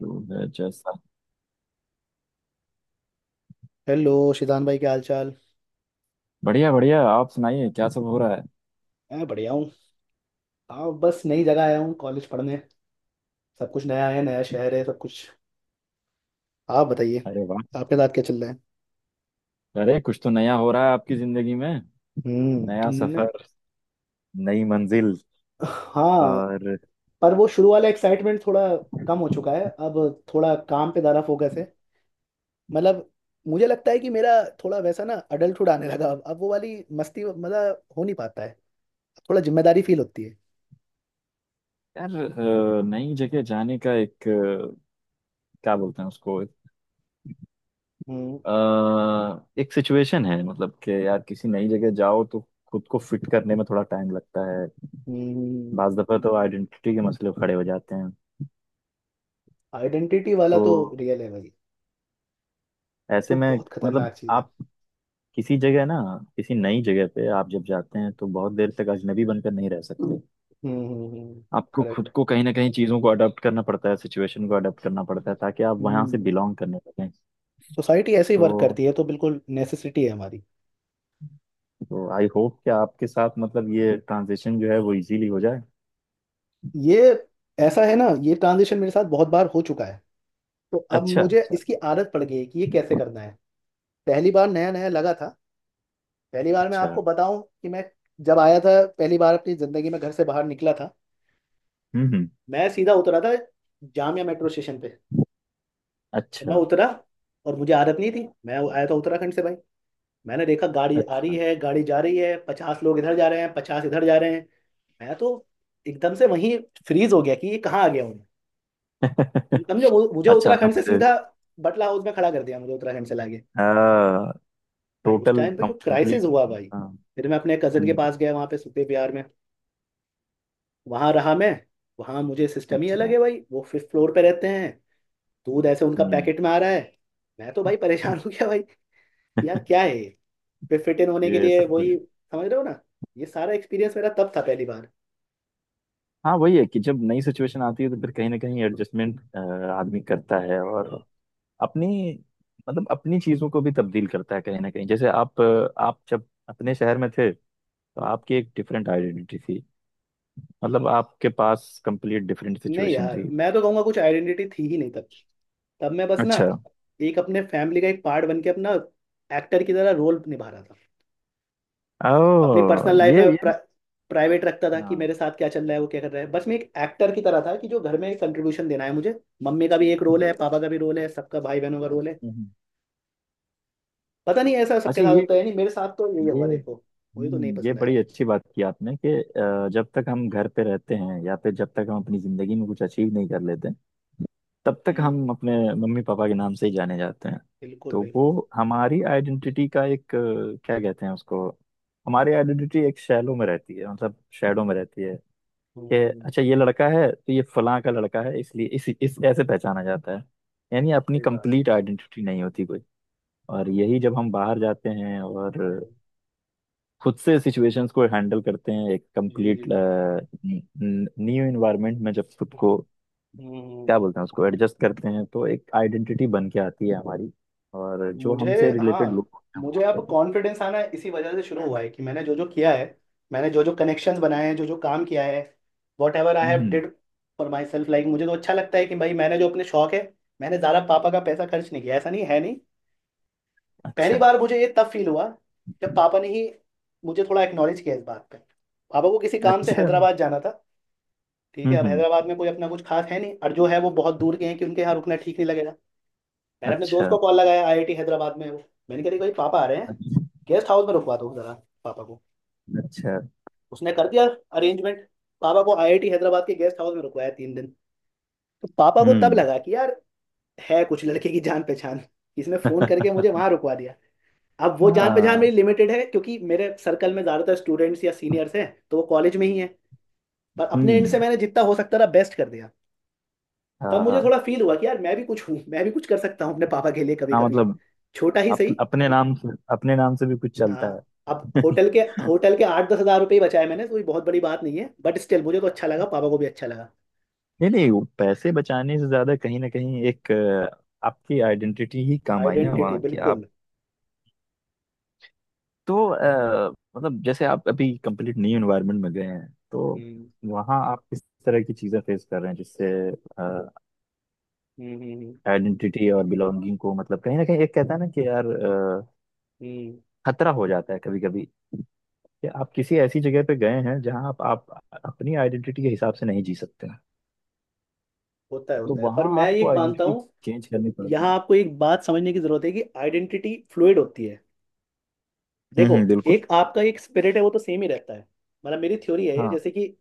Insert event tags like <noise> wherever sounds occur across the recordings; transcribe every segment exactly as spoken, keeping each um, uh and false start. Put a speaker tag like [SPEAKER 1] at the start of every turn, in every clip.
[SPEAKER 1] तो है जैसा।
[SPEAKER 2] हेलो। शिदान भाई क्या हाल चाल।
[SPEAKER 1] बढ़िया बढ़िया, आप सुनाइए क्या सब हो रहा है?
[SPEAKER 2] मैं बढ़िया हूँ। हाँ बस नई जगह आया हूँ कॉलेज पढ़ने। सब कुछ नया है, नया शहर है, सब कुछ। आप बताइए,
[SPEAKER 1] अरे वाह।
[SPEAKER 2] आपके साथ क्या चल रहा है।
[SPEAKER 1] अरे, कुछ तो नया हो रहा है आपकी जिंदगी में।
[SPEAKER 2] हम्म।
[SPEAKER 1] नया
[SPEAKER 2] न।
[SPEAKER 1] सफर, नई मंजिल
[SPEAKER 2] हाँ,
[SPEAKER 1] और
[SPEAKER 2] पर वो शुरू वाला एक्साइटमेंट थोड़ा कम हो चुका है अब। थोड़ा काम पे ज़्यादा फोकस है। मतलब मुझे लगता है कि मेरा थोड़ा वैसा ना अडल्टहुड आने लगा। अब अब वो वाली मस्ती मतलब हो नहीं पाता है। थोड़ा जिम्मेदारी फील होती है।
[SPEAKER 1] यार। अ, नई जगह जाने का एक, अ, क्या बोलते हैं उसको,
[SPEAKER 2] हम्म।
[SPEAKER 1] अ, एक सिचुएशन है। मतलब कि यार, किसी नई जगह जाओ तो खुद को फिट करने में थोड़ा टाइम लगता है। बाज दफा तो आइडेंटिटी के मसले खड़े हो जाते हैं।
[SPEAKER 2] आइडेंटिटी वाला तो
[SPEAKER 1] तो
[SPEAKER 2] रियल है भाई,
[SPEAKER 1] ऐसे
[SPEAKER 2] तो
[SPEAKER 1] में
[SPEAKER 2] बहुत
[SPEAKER 1] मतलब,
[SPEAKER 2] खतरनाक चीज।
[SPEAKER 1] आप किसी जगह ना किसी नई जगह पे आप जब जाते हैं तो बहुत देर तक अजनबी बनकर नहीं रह सकते।
[SPEAKER 2] हम्म।
[SPEAKER 1] आपको
[SPEAKER 2] करेक्ट।
[SPEAKER 1] खुद को कहीं ना कहीं चीज़ों को अडॉप्ट करना पड़ता है, सिचुएशन को अडॉप्ट करना पड़ता है, ताकि आप वहां से
[SPEAKER 2] हम्म।
[SPEAKER 1] बिलोंग करने लगें।
[SPEAKER 2] सोसाइटी ऐसे ही वर्क
[SPEAKER 1] तो
[SPEAKER 2] करती है, तो बिल्कुल नेसेसिटी है हमारी।
[SPEAKER 1] तो आई होप कि आपके साथ मतलब ये ट्रांजिशन जो है वो इजीली हो जाए।
[SPEAKER 2] ये ऐसा है ना, ये ट्रांजिशन मेरे साथ बहुत बार हो चुका है। तो अब
[SPEAKER 1] अच्छा
[SPEAKER 2] मुझे
[SPEAKER 1] अच्छा।
[SPEAKER 2] इसकी आदत पड़ गई है कि ये कैसे करना है। पहली बार नया नया लगा था। पहली बार मैं आपको
[SPEAKER 1] अच्छा।
[SPEAKER 2] बताऊं कि मैं जब आया था, पहली बार अपनी जिंदगी में घर से बाहर निकला था।
[SPEAKER 1] हम्म हम्म।
[SPEAKER 2] मैं सीधा उतरा था जामिया मेट्रो स्टेशन पे। और मैं
[SPEAKER 1] अच्छा
[SPEAKER 2] उतरा, और मुझे आदत नहीं थी। मैं आया था उत्तराखंड से भाई। मैंने देखा गाड़ी आ रही
[SPEAKER 1] अच्छा।
[SPEAKER 2] है, गाड़ी जा रही है, पचास लोग इधर जा रहे हैं, पचास इधर जा रहे हैं। मैं तो एकदम से वहीं फ्रीज हो गया कि ये कहाँ आ गया हूँ मैं। तुम
[SPEAKER 1] <laughs>
[SPEAKER 2] समझो, मु- मुझे
[SPEAKER 1] अचानक
[SPEAKER 2] उत्तराखंड से
[SPEAKER 1] से।
[SPEAKER 2] सीधा बटला हाउस में खड़ा कर दिया, मुझे उत्तराखंड से लाके। भाई उस
[SPEAKER 1] टोटल
[SPEAKER 2] टाइम पे जो क्राइसिस
[SPEAKER 1] कंप्लीट।
[SPEAKER 2] हुआ भाई। फिर मैं अपने कजन के पास गया वहाँ पे सुते प्यार में। वहाँ रहा मैं। वहाँ मुझे सिस्टम ही अलग
[SPEAKER 1] अच्छा।
[SPEAKER 2] है भाई, वो फिफ्थ फ्लोर पे रहते हैं। दूध ऐसे उनका
[SPEAKER 1] हम्म।
[SPEAKER 2] पैकेट में आ रहा है। मैं तो भाई परेशान हो गया भाई। यार
[SPEAKER 1] <laughs>
[SPEAKER 2] क्या है ये? फिर फिट इन होने के
[SPEAKER 1] ये
[SPEAKER 2] लिए,
[SPEAKER 1] सब कुछ।
[SPEAKER 2] वही समझ रहे हो ना। ये सारा एक्सपीरियंस मेरा तब था, पहली बार।
[SPEAKER 1] हाँ, वही है कि जब नई सिचुएशन आती है तो फिर कहीं ना कहीं एडजस्टमेंट आदमी करता है और अपनी मतलब अपनी चीजों को भी तब्दील करता है कहीं ना कहीं। जैसे आप आप जब अपने शहर में थे तो आपकी एक डिफरेंट आइडेंटिटी थी। मतलब आपके पास कंप्लीट डिफरेंट
[SPEAKER 2] नहीं
[SPEAKER 1] सिचुएशन
[SPEAKER 2] यार,
[SPEAKER 1] थी।
[SPEAKER 2] मैं तो कहूँगा कुछ आइडेंटिटी थी ही नहीं तब। तब मैं बस ना
[SPEAKER 1] अच्छा।
[SPEAKER 2] एक अपने फैमिली का एक पार्ट बन के, अपना एक्टर की तरह रोल निभा रहा था।
[SPEAKER 1] ओ,
[SPEAKER 2] अपनी पर्सनल लाइफ
[SPEAKER 1] ये
[SPEAKER 2] में
[SPEAKER 1] ये
[SPEAKER 2] प्राइवेट रखता था कि
[SPEAKER 1] हाँ।
[SPEAKER 2] मेरे साथ क्या चल रहा है, वो क्या कर रहा है। बस मैं एक एक्टर की तरह था, कि जो घर में एक कंट्रीब्यूशन देना है मुझे, मम्मी का भी एक रोल है, पापा का भी रोल है, सबका भाई बहनों का रोल है।
[SPEAKER 1] हम्म।
[SPEAKER 2] पता नहीं ऐसा सबके
[SPEAKER 1] अच्छा,
[SPEAKER 2] साथ
[SPEAKER 1] ये
[SPEAKER 2] होता है या नहीं, मेरे साथ तो यही हुआ,
[SPEAKER 1] ये
[SPEAKER 2] देखो। मुझे तो नहीं
[SPEAKER 1] हम्म, ये
[SPEAKER 2] पसंद आया।
[SPEAKER 1] बड़ी अच्छी बात की आपने कि अ, जब तक हम घर पे रहते हैं या फिर जब तक हम अपनी जिंदगी में कुछ अचीव नहीं कर लेते तब तक
[SPEAKER 2] हम्म।
[SPEAKER 1] हम अपने मम्मी पापा के नाम से ही जाने जाते हैं।
[SPEAKER 2] बिल्कुल
[SPEAKER 1] तो वो
[SPEAKER 2] बिल्कुल।
[SPEAKER 1] हमारी आइडेंटिटी का एक, अ, क्या कहते हैं उसको, हमारी आइडेंटिटी एक शैलो में रहती है, मतलब शेडो में रहती है। कि
[SPEAKER 2] हम्म।
[SPEAKER 1] अच्छा, ये लड़का है तो ये फलां का लड़का है, इसलिए इस, इस ऐसे पहचाना जाता है। यानी अपनी
[SPEAKER 2] सही बात।
[SPEAKER 1] कंप्लीट आइडेंटिटी नहीं होती कोई। और यही, जब हम बाहर जाते हैं और
[SPEAKER 2] हम्म।
[SPEAKER 1] खुद से सिचुएशंस को हैंडल करते हैं एक
[SPEAKER 2] जी जी।
[SPEAKER 1] कंप्लीट न्यू इन्वायरमेंट में, जब खुद को
[SPEAKER 2] हम्म।
[SPEAKER 1] क्या बोलते हैं उसको एडजस्ट करते हैं, तो एक आइडेंटिटी बन के आती है हमारी और जो
[SPEAKER 2] मुझे,
[SPEAKER 1] हमसे
[SPEAKER 2] हाँ,
[SPEAKER 1] रिलेटेड लोग होते हैं
[SPEAKER 2] मुझे
[SPEAKER 1] वहाँ
[SPEAKER 2] अब
[SPEAKER 1] पर।
[SPEAKER 2] कॉन्फिडेंस आना इसी वजह से शुरू हुआ है कि मैंने जो जो किया है, मैंने जो जो कनेक्शंस बनाए हैं, जो जो काम किया है, whatever I have
[SPEAKER 1] hmm.
[SPEAKER 2] Did for myself, like मुझे तो अच्छा लगता है कि भाई मैंने जो अपने शौक है। मैंने ज़्यादा पापा का पैसा खर्च नहीं किया, ऐसा नहीं है, नहीं। पहली
[SPEAKER 1] अच्छा
[SPEAKER 2] बार मुझे ये तब फील हुआ जब पापा ने ही मुझे थोड़ा एक्नॉलेज किया इस बात पे। पापा को किसी काम से
[SPEAKER 1] अच्छा।
[SPEAKER 2] हैदराबाद जाना था। ठीक है, अब
[SPEAKER 1] हम्म।
[SPEAKER 2] हैदराबाद में कोई अपना कुछ खास है नहीं, और जो है वो बहुत दूर गए हैं कि उनके यहाँ रुकना ठीक नहीं लगेगा। मैंने अपने दोस्त
[SPEAKER 1] अच्छा
[SPEAKER 2] को कॉल लगाया, आईआईटी हैदराबाद में है वो। मैंने कहा, "अरे भाई पापा आ रहे हैं,
[SPEAKER 1] अच्छा।
[SPEAKER 2] गेस्ट हाउस में रुकवा दो जरा पापा को।"
[SPEAKER 1] अच्छा।
[SPEAKER 2] उसने कर दिया अरेंजमेंट। पापा को आईआईटी हैदराबाद के गेस्ट हाउस में रुकवाया तीन दिन। तो पापा को तब
[SPEAKER 1] हम्म।
[SPEAKER 2] लगा कि यार, है कुछ लड़के की जान पहचान, इसने फोन करके मुझे वहां
[SPEAKER 1] <laughs>
[SPEAKER 2] रुकवा दिया। अब वो जान पहचान
[SPEAKER 1] हाँ।
[SPEAKER 2] मेरी लिमिटेड है, क्योंकि मेरे सर्कल में ज्यादातर स्टूडेंट्स या सीनियर्स हैं तो वो कॉलेज में ही हैं। पर अपने एंड
[SPEAKER 1] हम्म।
[SPEAKER 2] से मैंने जितना हो सकता था बेस्ट कर दिया। तब
[SPEAKER 1] हाँ
[SPEAKER 2] मुझे
[SPEAKER 1] हाँ।
[SPEAKER 2] थोड़ा फील हुआ कि यार, मैं भी कुछ हूँ, मैं भी कुछ कर सकता हूँ अपने पापा के लिए कभी
[SPEAKER 1] हाँ,
[SPEAKER 2] कभी,
[SPEAKER 1] मतलब
[SPEAKER 2] छोटा ही
[SPEAKER 1] अप,
[SPEAKER 2] सही।
[SPEAKER 1] अपने नाम से अपने नाम से भी कुछ चलता
[SPEAKER 2] हाँ अब
[SPEAKER 1] है।
[SPEAKER 2] होटल
[SPEAKER 1] <laughs>
[SPEAKER 2] के, होटल के आठ दस हजार रुपये ही बचाए मैंने, तो ये बहुत बड़ी बात नहीं है बट स्टिल, मुझे तो अच्छा लगा, पापा को भी अच्छा लगा।
[SPEAKER 1] नहीं नहीं, वो पैसे बचाने से ज्यादा कहीं ना कहीं एक, अ, आपकी आइडेंटिटी ही काम आई ना
[SPEAKER 2] आइडेंटिटी
[SPEAKER 1] वहाँ की।
[SPEAKER 2] बिल्कुल।
[SPEAKER 1] तो अ, मतलब जैसे आप अभी कंप्लीट न्यू एनवायरनमेंट में गए हैं, तो
[SPEAKER 2] हम्म।
[SPEAKER 1] वहाँ आप किस तरह की चीजें फेस कर रहे हैं जिससे
[SPEAKER 2] हम्म। हम्म।
[SPEAKER 1] आइडेंटिटी और बिलोंगिंग को, मतलब कहीं ना कहीं एक कहता है ना कि यार, अ,
[SPEAKER 2] हम्म।
[SPEAKER 1] खतरा हो जाता है कभी कभी, कि आप किसी ऐसी जगह पे गए हैं जहाँ आप, आप अपनी आइडेंटिटी के हिसाब से नहीं जी सकते हैं,
[SPEAKER 2] होता है
[SPEAKER 1] तो
[SPEAKER 2] होता है, पर
[SPEAKER 1] वहाँ
[SPEAKER 2] मैं
[SPEAKER 1] आपको
[SPEAKER 2] ये मानता
[SPEAKER 1] आइडेंटिटी
[SPEAKER 2] हूँ,
[SPEAKER 1] चेंज करनी पड़ती है।
[SPEAKER 2] यहाँ आपको एक बात समझने की जरूरत है कि आइडेंटिटी फ्लूइड होती है।
[SPEAKER 1] हम्म
[SPEAKER 2] देखो,
[SPEAKER 1] हम्म, बिल्कुल।
[SPEAKER 2] एक आपका एक स्पिरिट है, वो तो सेम ही रहता है। मतलब मेरी थ्योरी है ये,
[SPEAKER 1] हाँ।
[SPEAKER 2] जैसे कि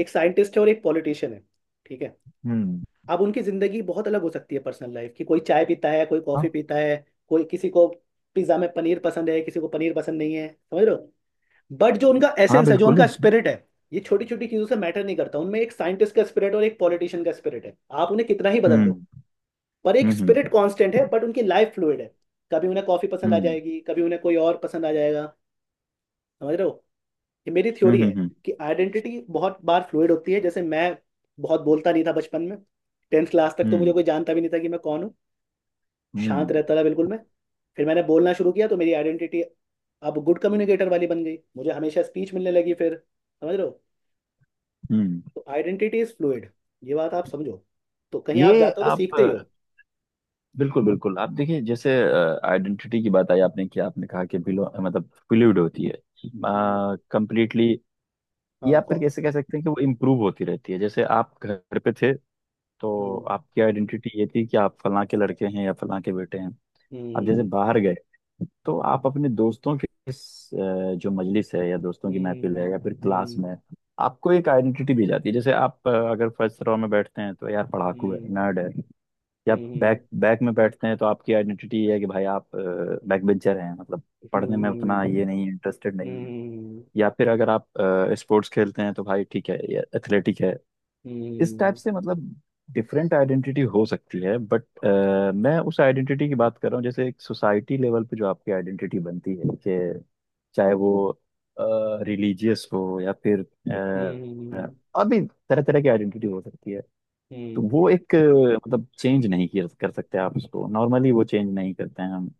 [SPEAKER 2] एक साइंटिस्ट है और एक पॉलिटिशियन है, ठीक है।
[SPEAKER 1] हम्म।
[SPEAKER 2] अब उनकी जिंदगी बहुत अलग हो सकती है पर्सनल लाइफ की। कोई चाय पीता है, कोई कॉफी
[SPEAKER 1] हाँ
[SPEAKER 2] पीता है, कोई किसी को पिज्जा में पनीर पसंद है, किसी को पनीर पसंद नहीं है, समझ रहे हो। बट जो उनका
[SPEAKER 1] हाँ।
[SPEAKER 2] एसेंस है, जो
[SPEAKER 1] बिल्कुल।
[SPEAKER 2] उनका स्पिरिट है, ये छोटी छोटी चीजों से मैटर नहीं करता। उनमें एक साइंटिस्ट का स्पिरिट और एक पॉलिटिशियन का स्पिरिट है। आप उन्हें कितना ही बदल लो,
[SPEAKER 1] हम्म
[SPEAKER 2] पर एक
[SPEAKER 1] हम्म
[SPEAKER 2] स्पिरिट
[SPEAKER 1] हम्म
[SPEAKER 2] कांस्टेंट है, बट उनकी लाइफ फ्लूइड है। कभी उन्हें कॉफी पसंद आ
[SPEAKER 1] हम्म
[SPEAKER 2] जाएगी, कभी उन्हें कोई और पसंद आ जाएगा, समझ रहे हो। ये मेरी थ्योरी
[SPEAKER 1] हम्म हम्म
[SPEAKER 2] है
[SPEAKER 1] हम्म
[SPEAKER 2] कि आइडेंटिटी बहुत बार फ्लूइड होती है। जैसे मैं बहुत बोलता नहीं था बचपन में। टेंथ क्लास तक तो मुझे
[SPEAKER 1] हम्म
[SPEAKER 2] कोई जानता भी नहीं था कि मैं कौन हूँ। शांत
[SPEAKER 1] हम्म,
[SPEAKER 2] रहता था बिल्कुल मैं। फिर मैंने बोलना शुरू किया, तो मेरी आइडेंटिटी अब गुड कम्युनिकेटर वाली बन गई, मुझे हमेशा स्पीच मिलने लगी फिर, समझ रहे हो।
[SPEAKER 1] हम्म।
[SPEAKER 2] तो आइडेंटिटी इज फ्लूइड, ये बात आप समझो। तो कहीं आप
[SPEAKER 1] ये
[SPEAKER 2] जाते हो तो
[SPEAKER 1] आप
[SPEAKER 2] सीखते ही
[SPEAKER 1] अ,
[SPEAKER 2] हो।
[SPEAKER 1] बिल्कुल बिल्कुल, आप देखिए। जैसे आइडेंटिटी की बात आई आपने, कि आपने कहा कि बिलो मतलब फ्लूइड होती है
[SPEAKER 2] हम्म।
[SPEAKER 1] कंप्लीटली, ये
[SPEAKER 2] हाँ।
[SPEAKER 1] आप फिर
[SPEAKER 2] कौ-
[SPEAKER 1] कैसे कह सकते हैं कि वो इम्प्रूव होती रहती है? जैसे आप घर पे थे तो
[SPEAKER 2] हम्म।
[SPEAKER 1] आपकी आइडेंटिटी ये थी कि आप फलां के लड़के हैं या फलां के बेटे हैं। आप जैसे
[SPEAKER 2] हम्म।
[SPEAKER 1] बाहर गए तो आप अपने दोस्तों के इस, अ, जो मजलिस है या दोस्तों की महफिल है
[SPEAKER 2] हम्म।
[SPEAKER 1] या फिर क्लास
[SPEAKER 2] हम्म।
[SPEAKER 1] में आपको एक आइडेंटिटी दी जाती है। जैसे आप अ, अगर फर्स्ट रो में बैठते हैं तो यार पढ़ाकू है, नर्ड है। या
[SPEAKER 2] हम्म।
[SPEAKER 1] बैक बैक में बैठते हैं तो आपकी आइडेंटिटी ये है कि भाई आप बैक बेंचर हैं, मतलब पढ़ने में उतना
[SPEAKER 2] हम्म।
[SPEAKER 1] ये नहीं है, इंटरेस्टेड
[SPEAKER 2] हम्म।
[SPEAKER 1] नहीं है।
[SPEAKER 2] हम्म।
[SPEAKER 1] या फिर अगर आप स्पोर्ट्स खेलते हैं तो भाई ठीक है, ये एथलेटिक है। इस टाइप
[SPEAKER 2] हम्म।
[SPEAKER 1] से मतलब डिफरेंट आइडेंटिटी हो सकती है, बट मैं उस आइडेंटिटी की बात कर रहा हूँ, जैसे एक सोसाइटी लेवल पे जो आपकी आइडेंटिटी बनती है, कि चाहे वो रिलीजियस हो या फिर
[SPEAKER 2] हम्म।
[SPEAKER 1] अ,
[SPEAKER 2] हम्म।
[SPEAKER 1] अभी तरह तरह की आइडेंटिटी हो सकती है। तो
[SPEAKER 2] हम्म।
[SPEAKER 1] वो एक, अ, मतलब चेंज नहीं किया कर सकते आप उसको नॉर्मली, वो चेंज नहीं करते हैं हम।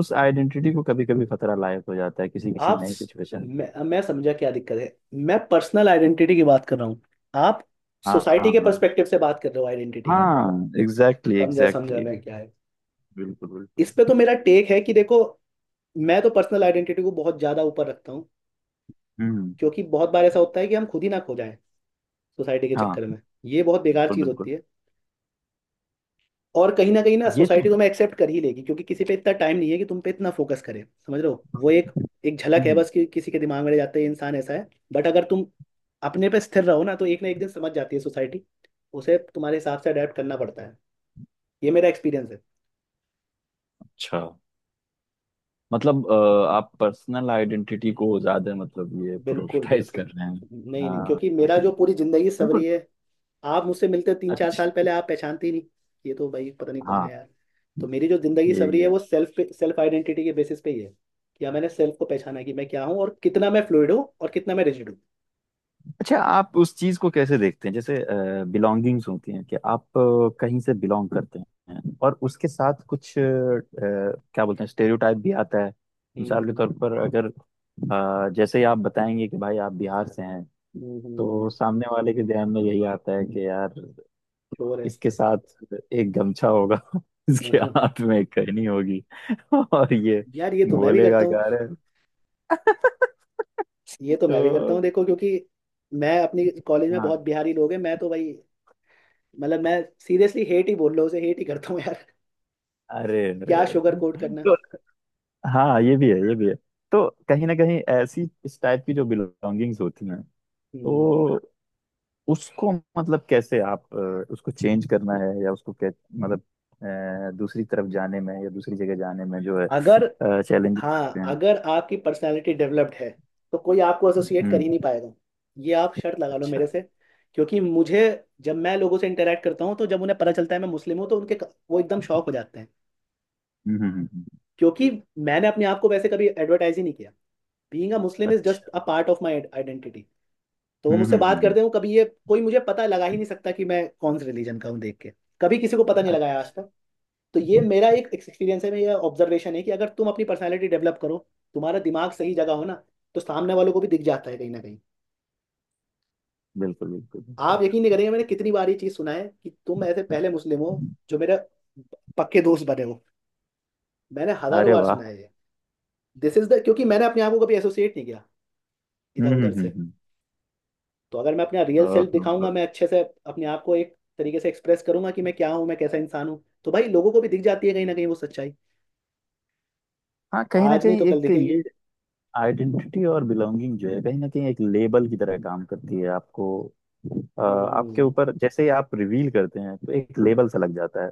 [SPEAKER 1] उस आइडेंटिटी को कभी कभी खतरा लायक हो जाता है किसी किसी
[SPEAKER 2] आप
[SPEAKER 1] नई
[SPEAKER 2] स-,
[SPEAKER 1] सिचुएशन।
[SPEAKER 2] मैं, मैं समझा क्या दिक्कत है। मैं पर्सनल आइडेंटिटी की बात कर रहा हूँ, आप
[SPEAKER 1] हाँ
[SPEAKER 2] सोसाइटी के
[SPEAKER 1] हाँ।
[SPEAKER 2] पर्सपेक्टिव से बात कर रहे हो आइडेंटिटी की।
[SPEAKER 1] हाँ एग्जैक्टली
[SPEAKER 2] समझा समझा
[SPEAKER 1] एग्जैक्टली।
[SPEAKER 2] मैं, क्या है,
[SPEAKER 1] बिल्कुल
[SPEAKER 2] इस
[SPEAKER 1] बिल्कुल।
[SPEAKER 2] पे तो मेरा टेक है कि देखो, मैं तो पर्सनल आइडेंटिटी को बहुत ज्यादा ऊपर रखता हूँ,
[SPEAKER 1] हम्म।
[SPEAKER 2] क्योंकि बहुत बार ऐसा होता है कि हम खुद ही ना खो जाएं सोसाइटी के
[SPEAKER 1] हाँ,
[SPEAKER 2] चक्कर में। ये बहुत बेकार
[SPEAKER 1] बिल्कुल
[SPEAKER 2] चीज होती
[SPEAKER 1] बिल्कुल।
[SPEAKER 2] है। और कहीं ना कहीं ना,
[SPEAKER 1] ये
[SPEAKER 2] सोसाइटी
[SPEAKER 1] तो।
[SPEAKER 2] तुम्हें एक्सेप्ट कर ही लेगी, क्योंकि किसी पे इतना टाइम नहीं है कि तुम पे इतना फोकस करे, समझ रहे हो। वो एक एक झलक है
[SPEAKER 1] हम्म,
[SPEAKER 2] बस, कि किसी के दिमाग में रह जाते हैं इंसान ऐसा है। बट अगर तुम अपने पे स्थिर रहो ना, तो एक ना एक दिन समझ जाती है सोसाइटी, उसे तुम्हारे हिसाब से अडेप्ट करना पड़ता है। ये मेरा एक्सपीरियंस है।
[SPEAKER 1] अच्छा, मतलब अ, आप पर्सनल आइडेंटिटी को ज्यादा, मतलब ये
[SPEAKER 2] बिल्कुल
[SPEAKER 1] प्रोटेक्टाइज
[SPEAKER 2] बिल्कुल।
[SPEAKER 1] कर रहे हैं।
[SPEAKER 2] नहीं नहीं,
[SPEAKER 1] हाँ
[SPEAKER 2] क्योंकि मेरा जो पूरी जिंदगी सवरी
[SPEAKER 1] बिल्कुल।
[SPEAKER 2] है, आप मुझसे मिलते तीन चार
[SPEAKER 1] अच्छा।
[SPEAKER 2] साल पहले, आप पहचानते ही नहीं, ये तो भाई पता नहीं कौन है
[SPEAKER 1] हाँ
[SPEAKER 2] यार। तो मेरी जो जिंदगी सवरी है,
[SPEAKER 1] ये।
[SPEAKER 2] वो सेल्फ सेल्फ आइडेंटिटी के बेसिस पे ही है। या मैंने सेल्फ को पहचाना कि मैं क्या हूँ, और कितना मैं फ्लूइड हूँ और कितना मैं रिजिड हूँ।
[SPEAKER 1] अच्छा, आप उस चीज को कैसे देखते हैं, जैसे बिलोंगिंग्स होती हैं कि आप अ, कहीं से बिलोंग करते हैं और उसके साथ कुछ, अ, क्या बोलते हैं, स्टेरियोटाइप भी आता है? मिसाल के
[SPEAKER 2] हम्म।
[SPEAKER 1] तौर पर, अगर अ, जैसे ही आप बताएंगे कि भाई आप बिहार से हैं, तो
[SPEAKER 2] हम्म।
[SPEAKER 1] सामने वाले के ध्यान में यही आता है कि यार,
[SPEAKER 2] श्योर है।
[SPEAKER 1] इसके साथ एक गमछा होगा, <laughs> इसके
[SPEAKER 2] <laughs>
[SPEAKER 1] हाथ में एक कहनी होगी, <laughs> और ये
[SPEAKER 2] यार ये तो मैं भी करता
[SPEAKER 1] बोलेगा क्या,
[SPEAKER 2] हूँ,
[SPEAKER 1] अरे।
[SPEAKER 2] ये तो मैं भी करता हूँ,
[SPEAKER 1] तो
[SPEAKER 2] देखो क्योंकि मैं, अपनी कॉलेज में
[SPEAKER 1] हाँ।
[SPEAKER 2] बहुत बिहारी लोग हैं, मैं तो भाई, मतलब मैं सीरियसली हेट ही बोल रहा हूँ, उसे हेट ही करता हूँ यार।
[SPEAKER 1] अरे
[SPEAKER 2] <laughs>
[SPEAKER 1] अरे
[SPEAKER 2] क्या शुगर
[SPEAKER 1] अरे।
[SPEAKER 2] कोट करना।
[SPEAKER 1] तो हाँ, ये भी है, ये भी है। तो कहीं ना कहीं ऐसी इस टाइप की जो बिलोंगिंग्स होती हैं,
[SPEAKER 2] हम्म।
[SPEAKER 1] तो उसको मतलब कैसे आप, अ, उसको चेंज करना है या उसको कै मतलब अ, दूसरी तरफ जाने में या दूसरी जगह जाने में जो है
[SPEAKER 2] अगर,
[SPEAKER 1] चैलेंजेस आते
[SPEAKER 2] हाँ,
[SPEAKER 1] हैं।
[SPEAKER 2] अगर आपकी पर्सनालिटी डेवलप्ड है तो कोई आपको एसोसिएट कर
[SPEAKER 1] हम्म।
[SPEAKER 2] ही नहीं पाएगा। ये आप शर्त लगा लो मेरे
[SPEAKER 1] अच्छा।
[SPEAKER 2] से। क्योंकि मुझे, जब मैं लोगों से इंटरेक्ट करता हूँ, तो जब उन्हें पता चलता है मैं मुस्लिम हूँ, तो उनके, वो एकदम शॉक हो जाते हैं।
[SPEAKER 1] हम्म हम्म हम्म, हम्म।
[SPEAKER 2] क्योंकि मैंने अपने आप को वैसे कभी एडवर्टाइज ही नहीं किया। बीइंग अ मुस्लिम इज
[SPEAKER 1] अच्छा।
[SPEAKER 2] Just a part of my identity. तो वो
[SPEAKER 1] हम्म, हम्म,
[SPEAKER 2] मुझसे
[SPEAKER 1] हम्म,
[SPEAKER 2] बात
[SPEAKER 1] हम्म।
[SPEAKER 2] करते हो कभी, ये कोई मुझे पता लगा ही नहीं सकता कि मैं कौन से रिलीजन का हूँ देख के। कभी किसी को पता नहीं लगाया आज
[SPEAKER 1] अच्छा।
[SPEAKER 2] तक। तो ये मेरा एक एक्सपीरियंस है, मेरा ऑब्जर्वेशन है, कि अगर तुम अपनी पर्सनैलिटी डेवलप करो, तुम्हारा दिमाग सही जगह हो ना, तो सामने वालों को भी दिख जाता है कहीं ना कहीं।
[SPEAKER 1] बिल्कुल बिल्कुल बिल्कुल।
[SPEAKER 2] आप यकीन नहीं करेंगे, मैंने कितनी बार ये चीज़ सुना है कि तुम ऐसे पहले मुस्लिम हो जो मेरे पक्के दोस्त बने हो। मैंने हजारों
[SPEAKER 1] अरे
[SPEAKER 2] बार
[SPEAKER 1] वाह।
[SPEAKER 2] सुना है ये। दिस इज द, क्योंकि मैंने अपने आप को कभी एसोसिएट नहीं किया इधर
[SPEAKER 1] हम्म
[SPEAKER 2] उधर
[SPEAKER 1] हम्म
[SPEAKER 2] से।
[SPEAKER 1] हम्म
[SPEAKER 2] तो अगर मैं अपना रियल
[SPEAKER 1] हम्म,
[SPEAKER 2] सेल्फ दिखाऊंगा,
[SPEAKER 1] ओहो।
[SPEAKER 2] मैं अच्छे से अपने आप को एक तरीके से एक्सप्रेस करूंगा कि मैं क्या हूँ, मैं कैसा इंसान हूँ, तो भाई लोगों को भी दिख जाती है कहीं ना कहीं वो सच्चाई।
[SPEAKER 1] हाँ, कहीं ना
[SPEAKER 2] आज नहीं
[SPEAKER 1] कहीं
[SPEAKER 2] तो कल
[SPEAKER 1] एक
[SPEAKER 2] दिखेगी।
[SPEAKER 1] ये आइडेंटिटी और बिलोंगिंग जो है कहीं ना कहीं एक लेबल की तरह काम करती है आपको, अ,
[SPEAKER 2] हम्म।
[SPEAKER 1] आपके
[SPEAKER 2] हम्म।
[SPEAKER 1] ऊपर। जैसे ही आप रिवील करते हैं तो एक लेबल सा लग जाता है।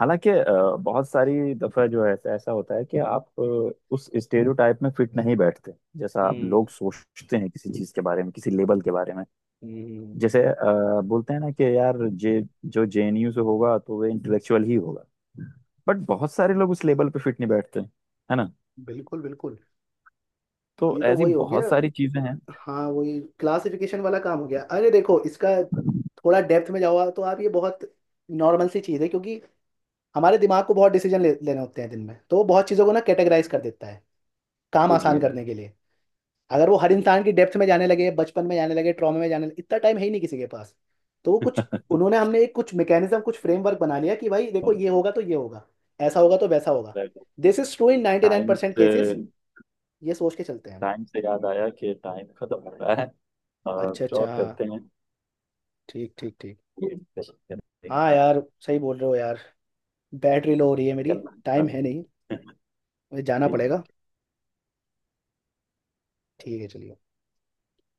[SPEAKER 1] हालांकि अ, बहुत सारी दफा जो है ऐसा ऐसा होता है कि आप अ, उस स्टेरियोटाइप में फिट नहीं बैठते जैसा आप
[SPEAKER 2] हम्म।
[SPEAKER 1] लोग सोचते हैं किसी चीज के बारे में, किसी लेबल के बारे में।
[SPEAKER 2] हम्म। हम्म।
[SPEAKER 1] जैसे अ, बोलते हैं ना कि यार, जे जो जेएनयू से होगा तो वह इंटेलेक्चुअल ही होगा, बट बहुत सारे लोग उस लेबल पे फिट नहीं बैठते, है ना?
[SPEAKER 2] बिल्कुल बिल्कुल।
[SPEAKER 1] तो
[SPEAKER 2] ये तो
[SPEAKER 1] ऐसी
[SPEAKER 2] वही हो गया,
[SPEAKER 1] बहुत सारी चीजें
[SPEAKER 2] हाँ वही क्लासिफिकेशन वाला काम हो गया। अरे देखो, इसका
[SPEAKER 1] हैं।
[SPEAKER 2] थोड़ा डेप्थ में जाओ तो आप, ये बहुत नॉर्मल सी चीज़ है, क्योंकि हमारे दिमाग को बहुत डिसीजन ले, लेने होते हैं दिन में, तो वो बहुत चीज़ों को ना कैटेगराइज कर देता है, काम आसान
[SPEAKER 1] इडियट।
[SPEAKER 2] करने के लिए। अगर वो हर इंसान की डेप्थ में जाने लगे, बचपन में जाने लगे, ट्रॉमे में जाने लगे, इतना टाइम है ही नहीं किसी के पास। तो वो कुछ, उन्होंने हमने एक कुछ मैकेनिज्म, कुछ फ्रेमवर्क बना लिया कि भाई देखो, ये होगा तो ये होगा, ऐसा होगा तो वैसा होगा। This is true in
[SPEAKER 1] time
[SPEAKER 2] ninety nine percent
[SPEAKER 1] <laughs> से,
[SPEAKER 2] नाइन परसेंट केसेस, ये सोच के चलते हैं हम।
[SPEAKER 1] टाइम से याद आया कि टाइम खत्म हो रहा है और
[SPEAKER 2] अच्छा
[SPEAKER 1] कुछ
[SPEAKER 2] अच्छा
[SPEAKER 1] और
[SPEAKER 2] हाँ।
[SPEAKER 1] करते हैं।
[SPEAKER 2] ठीक ठीक ठीक।
[SPEAKER 1] <laughs> ये discussion करने के
[SPEAKER 2] हाँ
[SPEAKER 1] बाद
[SPEAKER 2] यार, सही बोल रहे हो यार। बैटरी लो हो रही है मेरी।
[SPEAKER 1] निकलना है।
[SPEAKER 2] टाइम है नहीं,
[SPEAKER 1] बस, <laughs>
[SPEAKER 2] मुझे जाना पड़ेगा।
[SPEAKER 1] ठीक।
[SPEAKER 2] ठीक है चलिए।